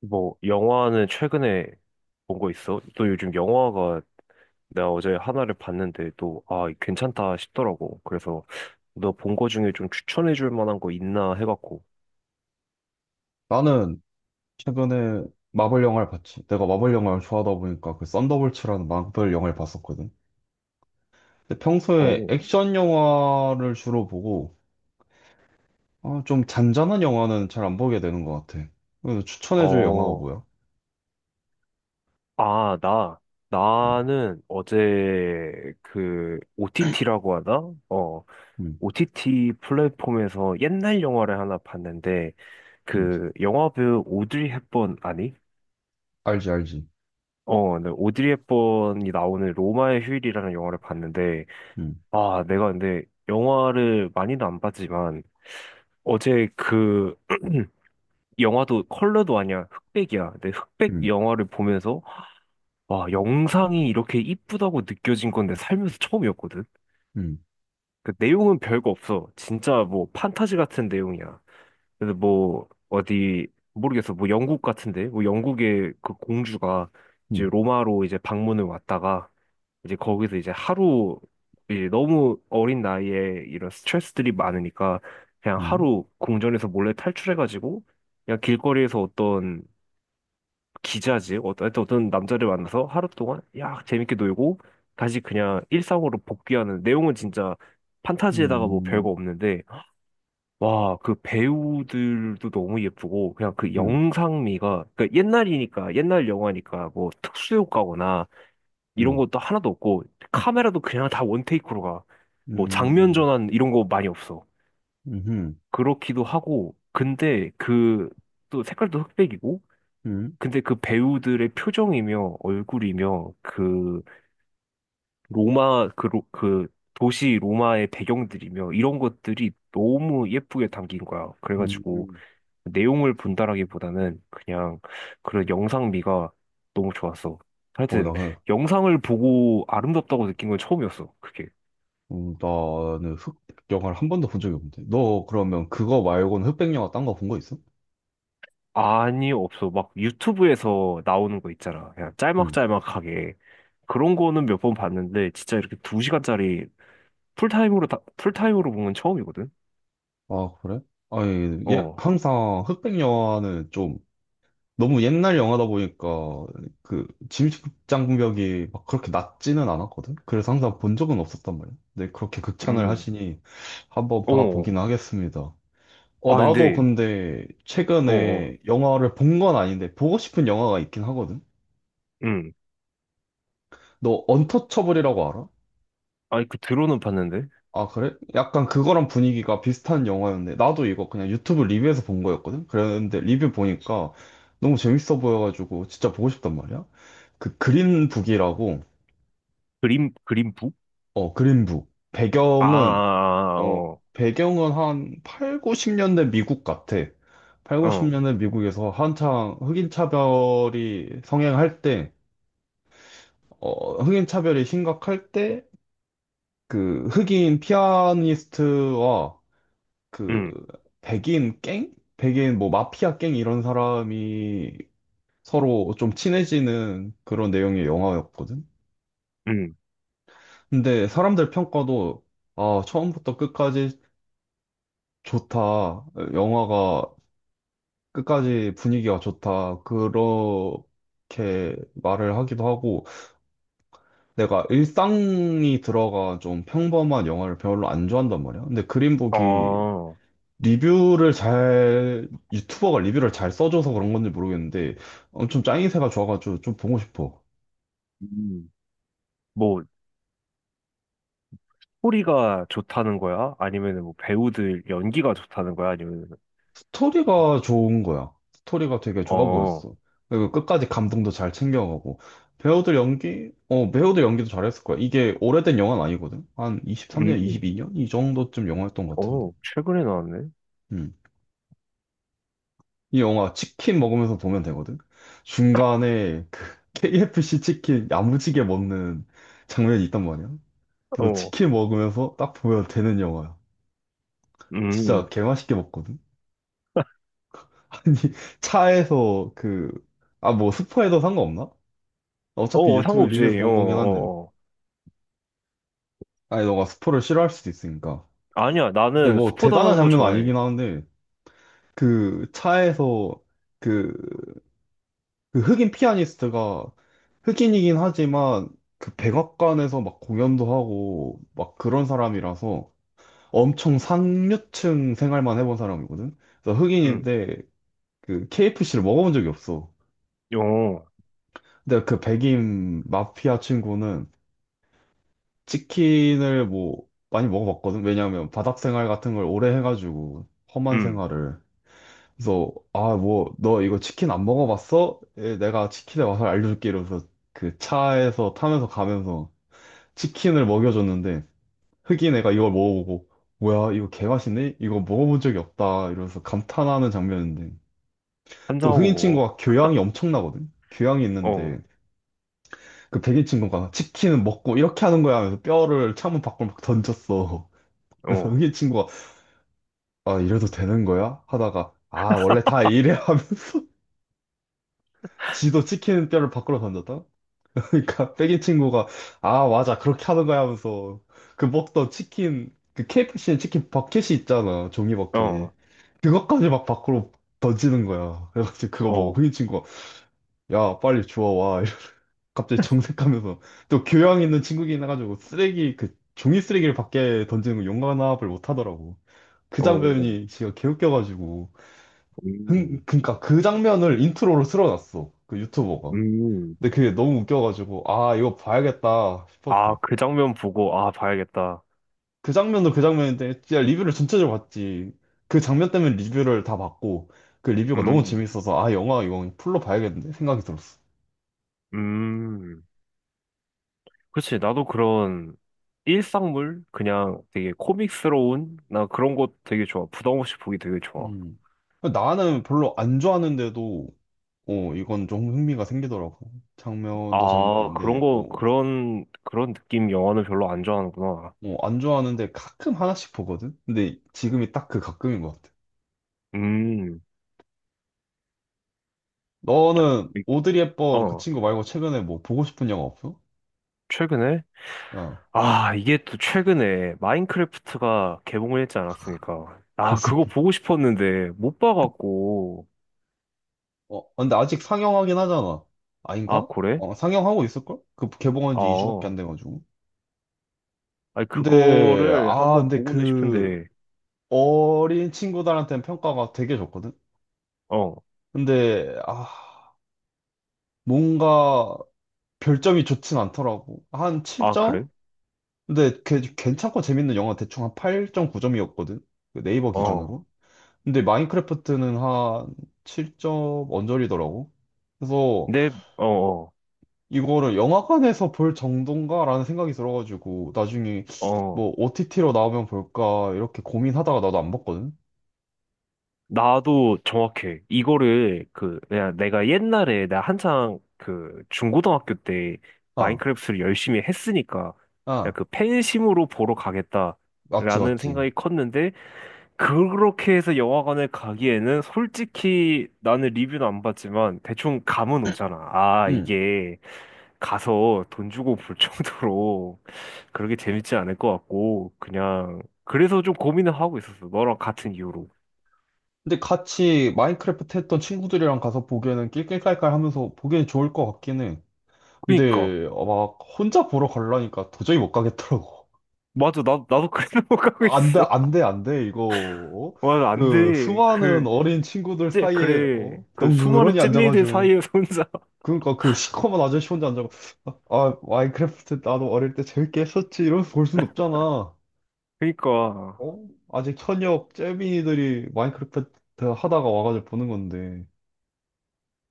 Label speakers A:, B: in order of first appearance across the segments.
A: 뭐 영화는 최근에 본 거 있어? 또 요즘 영화가 내가 어제 하나를 봤는데 또 아, 괜찮다 싶더라고. 그래서 너 본 거 중에 좀 추천해 줄 만한 거 있나 해갖고.
B: 나는 최근에 마블 영화를 봤지. 내가 마블 영화를 좋아하다 보니까 그 썬더볼츠라는 마블 영화를 봤었거든. 근데 평소에
A: 어.
B: 액션 영화를 주로 보고 아, 좀 잔잔한 영화는 잘 안 보게 되는 것 같아. 그래서 추천해줄 영화가
A: 어.
B: 뭐야?
A: 아, 나
B: 음,
A: 나는 어제 그 OTT라고 하나? 어.
B: 음,
A: OTT 플랫폼에서 옛날 영화를 하나 봤는데
B: 음.
A: 그 영화배우 오드리 헵번 아니?
B: 알지, 알지.
A: 어, 네, 오드리 헵번이 나오는 로마의 휴일이라는 영화를 봤는데,
B: 음,
A: 아, 내가 근데 영화를 많이는 안 봤지만 어제 그 영화도 컬러도 아니야. 흑백이야. 근데 흑백
B: 음,
A: 영화를 보면서 와, 영상이 이렇게 이쁘다고 느껴진 건데 살면서 처음이었거든.
B: 음,
A: 그 내용은 별거 없어. 진짜 뭐 판타지 같은 내용이야. 근데 뭐 어디 모르겠어. 뭐 영국 같은데. 뭐 영국의 그 공주가 이제
B: 음,
A: 로마로 이제 방문을 왔다가 이제 거기서 이제 하루, 이제 너무 어린 나이에 이런 스트레스들이 많으니까 그냥
B: 음,
A: 하루 궁전에서 몰래 탈출해가지고 그냥 길거리에서 어떤 기자지 어떤 하여튼 어떤 남자를 만나서 하루 동안 야 재밌게 놀고 다시 그냥 일상으로 복귀하는 내용은 진짜 판타지에다가 뭐
B: 음,
A: 별거 없는데 와, 그 배우들도 너무 예쁘고 그냥 그
B: 음,
A: 영상미가 그러니까 옛날이니까 옛날 영화니까 뭐 특수 효과거나
B: 음,
A: 이런
B: 음,
A: 것도 하나도 없고 카메라도 그냥 다 원테이크로 가. 뭐 장면
B: 음,
A: 전환 이런 거 많이 없어. 그렇기도 하고 근데 그 또 색깔도 흑백이고
B: 음,
A: 근데 그 배우들의 표정이며 얼굴이며 그 로마 그, 그 도시 로마의 배경들이며 이런 것들이 너무 예쁘게 담긴 거야.
B: 음,
A: 그래가지고
B: 음.
A: 내용을 본다라기보다는 그냥 그런 영상미가 너무 좋았어.
B: 어,
A: 하여튼
B: 나
A: 영상을 보고 아름답다고 느낀 건 처음이었어. 그게.
B: 나는 흑백영화를 한 번도 본 적이 없는데. 너 그러면 그거 말고는 흑백영화 딴 거 본 거 있어?
A: 아니, 없어. 막 유튜브에서 나오는 거 있잖아. 그냥
B: 응.
A: 짤막짤막하게. 그런 거는 몇 번 봤는데, 진짜 이렇게 두 시간짜리 풀타임으로, 다, 풀타임으로 본 건 처음이거든?
B: 아, 그래? 아니, 예,
A: 어,
B: 항상 흑백영화는 좀 너무 옛날 영화다 보니까 그 진입장벽이 막 그렇게 낮지는 않았거든? 그래서 항상 본 적은 없었단 말이야. 근데 그렇게 극찬을
A: 음,
B: 하시니 한번
A: 어.
B: 봐보긴 하겠습니다. 어,
A: 아,
B: 나도
A: 근데,
B: 근데
A: 어, 어,
B: 최근에 영화를 본 건 아닌데 보고 싶은 영화가 있긴 하거든?
A: 음.
B: 너 언터처블이라고 알아?
A: 아니, 그 드론은 봤는데?
B: 아, 그래? 약간 그거랑 분위기가 비슷한 영화였네. 나도 이거 그냥 유튜브 리뷰에서 본 거였거든? 그랬는데 리뷰 보니까 너무 재밌어 보여가지고 진짜 보고 싶단 말이야? 그 그린북이라고,
A: 그림북?
B: 어, 그린북.
A: 아, 아, 아,
B: 어,
A: 아, 어,
B: 배경은 한 8, 90년대 미국 같아. 8,
A: 어,
B: 90년대 미국에서 한창 흑인 차별이 성행할 때, 어, 흑인 차별이 심각할 때, 그 흑인 피아니스트와 그
A: 음,
B: 백인 갱? 백인 뭐 마피아 갱 이런 사람이 서로 좀 친해지는 그런 내용의 영화였거든.
A: 음,
B: 근데 사람들 평가도 아, 처음부터 끝까지 좋다. 영화가 끝까지 분위기가 좋다. 그렇게 말을 하기도 하고 내가 일상이 들어가 좀 평범한 영화를 별로 안 좋아한단 말이야. 근데 그린북이
A: 어,
B: 리뷰를 잘, 유튜버가 리뷰를 잘 써줘서 그런 건지 모르겠는데, 엄청 짱이세가 좋아가지고 좀 보고 싶어.
A: 음. 뭐, 소리가 좋다는 거야? 아니면은 뭐 배우들 연기가 좋다는 거야? 아니면,
B: 스토리가 좋은 거야. 스토리가 되게 좋아
A: 어,
B: 보였어. 그리고 끝까지 감동도 잘 챙겨가고. 배우들 연기? 어, 배우들 연기도 잘했을 거야. 이게 오래된 영화는 아니거든? 한 23년,
A: 음.
B: 22년? 이 정도쯤 영화였던 것 같은데.
A: 어, 최근에 나왔네?
B: 음. 이 영화 치킨 먹으면서 보면 되거든? 중간에 그 KFC 치킨 야무지게 먹는 장면이 있단 말이야. 그래서
A: 어,
B: 치킨 먹으면서 딱 보면 되는 영화야.
A: 음.
B: 진짜 개맛있게 먹거든? 아니, 차에서 그, 아, 뭐, 스포해도 상관없나? 어차피
A: 어, 어,
B: 유튜브 리뷰에서
A: 상관없지. 어,
B: 본 거긴 한데.
A: 어, 어.
B: 아니, 너가 스포를 싫어할 수도 있으니까.
A: 아니야,
B: 근데
A: 나는
B: 뭐,
A: 스포
B: 대단한
A: 당하는 거
B: 장면은 아니긴
A: 좋아해.
B: 하는데, 그, 차에서 그, 그 흑인 피아니스트가 흑인이긴 하지만, 그 백악관에서 막 공연도 하고, 막 그런 사람이라서 엄청 상류층 생활만 해본 사람이거든? 그래서
A: 음,
B: 흑인인데 그 KFC를 먹어본 적이 없어.
A: 어,
B: 근데 그 백인 마피아 친구는 치킨을 뭐 많이 먹어봤거든. 왜냐하면 바닥 생활 같은 걸 오래 해가지고 험한
A: 음.
B: 생활을. 그래서 아 뭐 너 이거 치킨 안 먹어봤어? 예, 내가 치킨의 맛을 알려줄게 이러면서 그 차에서 타면서 가면서 치킨을 먹여줬는데 흑인 애가 이걸 먹어보고 뭐야 이거 개맛있네? 이거 먹어본 적이 없다 이러면서 감탄하는 장면인데 또 흑인
A: 한잔하고
B: 친구가 교양이 엄청나거든. 교양이 있는데
A: 먹어.
B: 그 백인 친구가 치킨은 먹고 이렇게 하는 거야 하면서 뼈를 창문 밖으로 막 던졌어.
A: 어,
B: 그래서
A: 어,
B: 흑인 친구가 아 이래도 되는 거야? 하다가 아 원래 다 이래 하면서 지도 치킨 뼈를 밖으로 던졌다? 그러니까 백인 친구가 아 맞아 그렇게 하는 거야 하면서 그 먹던 치킨 그 KFC 치킨 버켓이 있잖아 종이 버켓
A: 어,
B: 그것까지 막 밖으로 던지는 거야. 그래가지고 그거 보고
A: 어,
B: 흑인 친구가 야 빨리 주워 와 갑자기 정색하면서 또 교양 있는 친구긴 해가지고 쓰레기 그 종이 쓰레기를 밖에 던지는 거 용납을 못 하더라고. 그
A: 어,
B: 장면이 진짜 개웃겨가지고
A: 음,
B: 그러니까 그 장면을 인트로로 틀어놨어 그 유튜버가.
A: 음.
B: 근데 그게 너무 웃겨가지고 아 이거 봐야겠다
A: 아,
B: 싶었어.
A: 그 장면 보고, 아, 봐야겠다.
B: 그 장면도 그 장면인데 진짜 리뷰를 전체적으로 봤지. 그 장면 때문에 리뷰를 다 봤고 그 리뷰가 너무
A: 음,
B: 재밌어서 아 영화 이건 풀로 봐야겠는데 생각이 들었어.
A: 음. 그치, 나도 그런 일상물? 그냥 되게 코믹스러운? 나 그런 거 되게 좋아. 부담 없이 보기 되게 좋아.
B: 음. 나는 별로 안 좋아하는데도 어, 이건 좀 흥미가 생기더라고. 장면도
A: 아, 그런
B: 장면인데,
A: 거, 그런, 그런 느낌 영화는 별로 안 좋아하는구나.
B: 안 좋아하는데 가끔 하나씩 보거든? 근데 지금이 딱 그 가끔인 것 같아.
A: 음,
B: 너는
A: 이-
B: 오드리 헵번 그
A: 어,
B: 친구 말고 최근에 뭐 보고 싶은 영화 없어?
A: 최근에?
B: 어.
A: 아, 이게 또 최근에 마인크래프트가 개봉을 했지 않았습니까? 아, 그거 보고 싶었는데 못 봐갖고.
B: 어, 아, 근데 아직 상영하긴 하잖아.
A: 아,
B: 아닌가?
A: 그래?
B: 어, 상영하고 있을걸? 그 개봉한 지 2주밖에 안
A: 어,
B: 돼가지고.
A: 아니, 그거를 한번
B: 근데
A: 보고는
B: 그
A: 싶은데,
B: 어린 친구들한테는 평가가 되게 좋거든?
A: 어,
B: 근데, 뭔가 별점이 좋진 않더라고. 한
A: 아,
B: 7점?
A: 그래?
B: 근데 괜찮고 재밌는 영화 대충 한 8.9점이었거든. 네이버
A: 어,
B: 기준으로. 근데 마인크래프트는 한 7점 언저리더라고. 그래서
A: 근데, 어, 어,
B: 이거를 영화관에서 볼 정도인가라는 생각이 들어가지고 나중에
A: 어.
B: 뭐 OTT로 나오면 볼까 이렇게 고민하다가 나도 안 봤거든.
A: 나도 정확해. 이거를 그 내가 옛날에 내가 한창 그 중고등학교 때
B: 아,
A: 마인크래프트를 열심히 했으니까 그
B: 아,
A: 그 팬심으로 보러
B: 맞지,
A: 가겠다라는
B: 맞지.
A: 생각이 컸는데 그렇게 해서 영화관을 가기에는 솔직히 나는 리뷰는 안 봤지만 대충 감은 오잖아. 아,
B: 응.
A: 이게 가서 돈 주고 볼 정도로 그렇게 재밌지 않을 것 같고 그냥 그래서 좀 고민을 하고 있었어. 너랑 같은 이유로.
B: 근데 같이 마인크래프트 했던 친구들이랑 가서 보기에는 낄낄깔깔 하면서 보기엔 좋을 것 같긴 해.
A: 그니까.
B: 근데 어, 막 혼자 보러 가려니까 도저히 못 가겠더라고.
A: 맞아, 나도 그래 생못가 고
B: 안 돼,
A: 있어.
B: 안 돼, 안 돼, 이거. 어?
A: 맞아, 안
B: 그
A: 돼.
B: 수많은
A: 그,
B: 어린 친구들
A: 찌,
B: 사이에
A: 그래.
B: 어?
A: 그 수많은
B: 덩그러니
A: 찐밀들
B: 앉아가지고
A: 사이에서 혼자.
B: 그러니까 그 시커먼 아저씨 혼자 앉아가 아 마인크래프트 나도 어릴 때 재밌게 했었지 이러면서 볼 순 없잖아.
A: 그니까.
B: 어? 아직 현역 잼민이들이 마인크래프트 하다가 와가지고 보는 건데.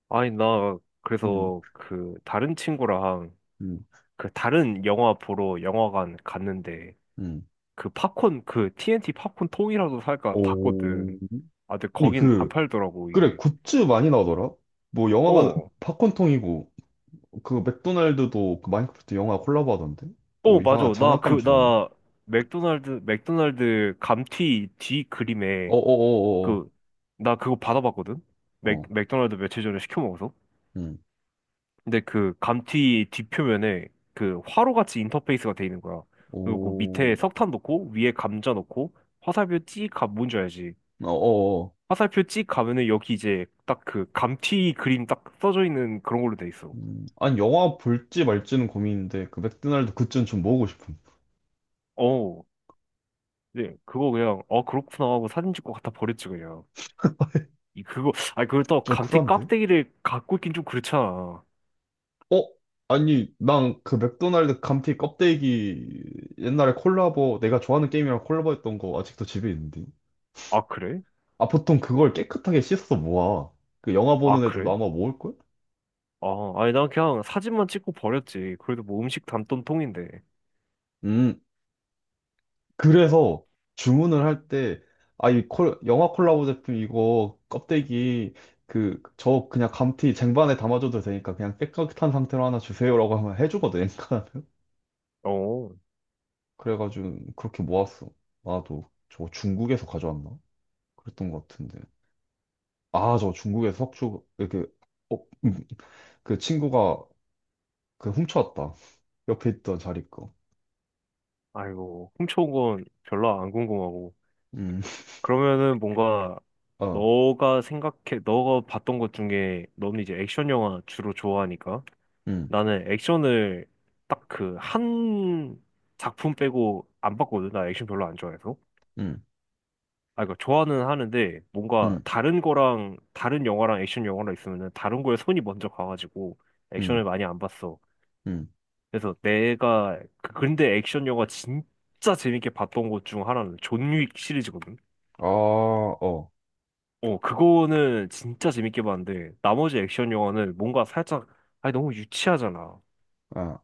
A: 아니, 나,
B: 음,
A: 그래서 그, 다른 친구랑
B: 음,
A: 그, 다른 영화 보러 영화관 갔는데,
B: 음.
A: 그 팝콘, 그 TNT 팝콘 통이라도 살까
B: 오.
A: 봤거든. 아, 근데
B: 아니
A: 거긴 안
B: 그
A: 팔더라고,
B: 그래
A: 이게.
B: 굿즈 많이 나오더라. 뭐 영화가
A: 어,
B: 팝콘통이고. 그 맥도날드도 그 마인크래프트 영화 콜라보 하던데? 뭐
A: 어, 맞아.
B: 이상한
A: 나
B: 장난감
A: 그,
B: 주던데?
A: 나 맥도날드 감튀 뒤 그림에
B: 어어어어어.
A: 그, 나 그거 받아봤거든?
B: 어.
A: 맥도날드 며칠 전에 시켜 먹어서.
B: 음.
A: 근데 그 감튀 뒷표면에 그 화로같이 인터페이스가 돼 있는 거야. 그리고 그 밑에
B: 오.
A: 석탄 넣고, 위에 감자 넣고, 화살표 찍 가면 뭔지 알지?
B: 어어어.
A: 화살표 찍 가면은 여기 이제 딱 그 감튀 그림 딱 써져 있는 그런 걸로 돼 있어.
B: 음. 아니 영화 볼지 말지는 고민인데 그 맥도날드 굿즈는 좀 먹고 싶음.
A: 어, 네, 그거 그냥, 어, 그렇구나 하고 사진 찍고 갖다 버렸지, 그냥. 이, 그거, 아니, 그걸 또
B: 좀
A: 감튀
B: 쿨한데?
A: 깍대기를 갖고 있긴 좀 그렇잖아.
B: 어? 아니 난 그 맥도날드 감튀 껍데기 옛날에 콜라보 내가 좋아하는 게임이랑 콜라보했던 거 아직도 집에 있는데.
A: 아, 그래?
B: 아 보통 그걸 깨끗하게 씻어서 모아. 그 영화
A: 아,
B: 보는 애들도
A: 그래?
B: 아마 모을걸?
A: 아, 아니, 난 그냥 사진만 찍고 버렸지. 그래도 뭐 음식 담던 통인데.
B: 음. 그래서 주문을 할 때, 아, 이 콜, 영화 콜라보 제품 이거 껍데기, 그, 저 그냥 감튀 쟁반에 담아줘도 되니까 그냥 깨끗한 상태로 하나 주세요라고 하면 해주거든, 그러니까.
A: 어,
B: 그래가지고 그렇게 모았어. 나도 저 중국에서 가져왔나? 그랬던 것 같은데. 아, 저 중국에서 석주, 이렇게, 어, 음, 그 친구가 그 훔쳐왔다. 옆에 있던 자리 거.
A: 아이고, 훔쳐온 건 별로 안 궁금하고.
B: 음,
A: 그러면은 뭔가,
B: 어,
A: 너가 생각해, 너가 봤던 것 중에, 너는 이제 액션 영화 주로 좋아하니까.
B: 음,
A: 나는 액션을 딱 그 한 작품 빼고 안 봤거든. 나 액션 별로 안 좋아해서.
B: 음,
A: 아, 그러니까 좋아는 하는데, 뭔가
B: 음,
A: 다른 거랑, 다른 영화랑 액션 영화랑 있으면은 다른 거에 손이 먼저 가가지고,
B: 음,
A: 액션을 많이 안 봤어.
B: 음.
A: 그래서 내가 근데 액션 영화 진짜 재밌게 봤던 것 중 하나는 존 윅 시리즈거든.
B: 아, 어,
A: 어, 그거는 진짜 재밌게 봤는데 나머지 액션 영화는 뭔가 살짝 아니 너무 유치하잖아.
B: 아.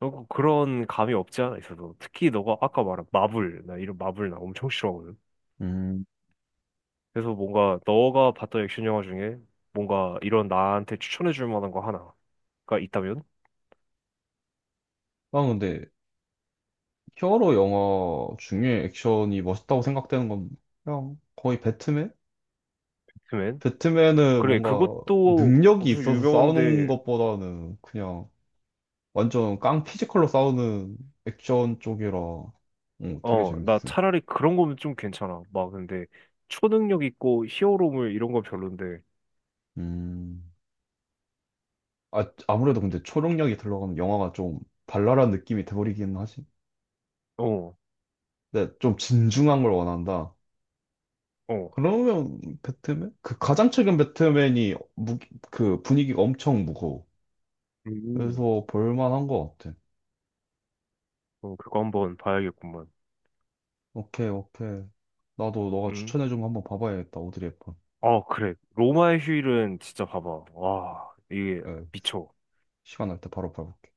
A: 너무 그런 감이 없지 않아 있어서 특히 너가 아까 말한 마블 나 이런 마블 나 엄청 싫어하거든.
B: 음.
A: 그래서 뭔가 너가 봤던 액션 영화 중에 뭔가 이런 나한테 추천해 줄 만한 거 하나가 있다면?
B: 난 근데 히어로 영화 중에 액션이 멋있다고 생각되는 건 그냥 거의 배트맨?
A: 그러면
B: 배트맨은
A: 그래
B: 뭔가
A: 그것도
B: 능력이
A: 엄청
B: 있어서 싸우는
A: 유명한데
B: 것보다는 그냥 완전 깡 피지컬로 싸우는 액션 쪽이라 어, 되게
A: 어, 나
B: 재밌음.
A: 차라리 그런 거면 좀 괜찮아. 막 근데 초능력 있고 히어로물 이런 건 별론데.
B: 음. 아, 아무래도 근데 초능력이 들어가면 영화가 좀 발랄한 느낌이 돼버리긴 하지.
A: 어,
B: 근데 좀 진중한 걸 원한다.
A: 어.
B: 그러면 배트맨? 그 가장 최근 배트맨이 무, 그 분위기가 엄청 무거워.
A: 음.
B: 그래서 볼만한 것 같아.
A: 어, 그거 한번 봐야겠구만.
B: 오케이, 오케이. 나도 너가
A: 음.
B: 추천해준 거 한번 봐봐야겠다. 오드리 헵번.
A: 아, 그래. 로마의 휴일은 진짜 봐봐. 와, 이게
B: 예,
A: 미쳐.
B: 시간 날 때 바로 봐볼게.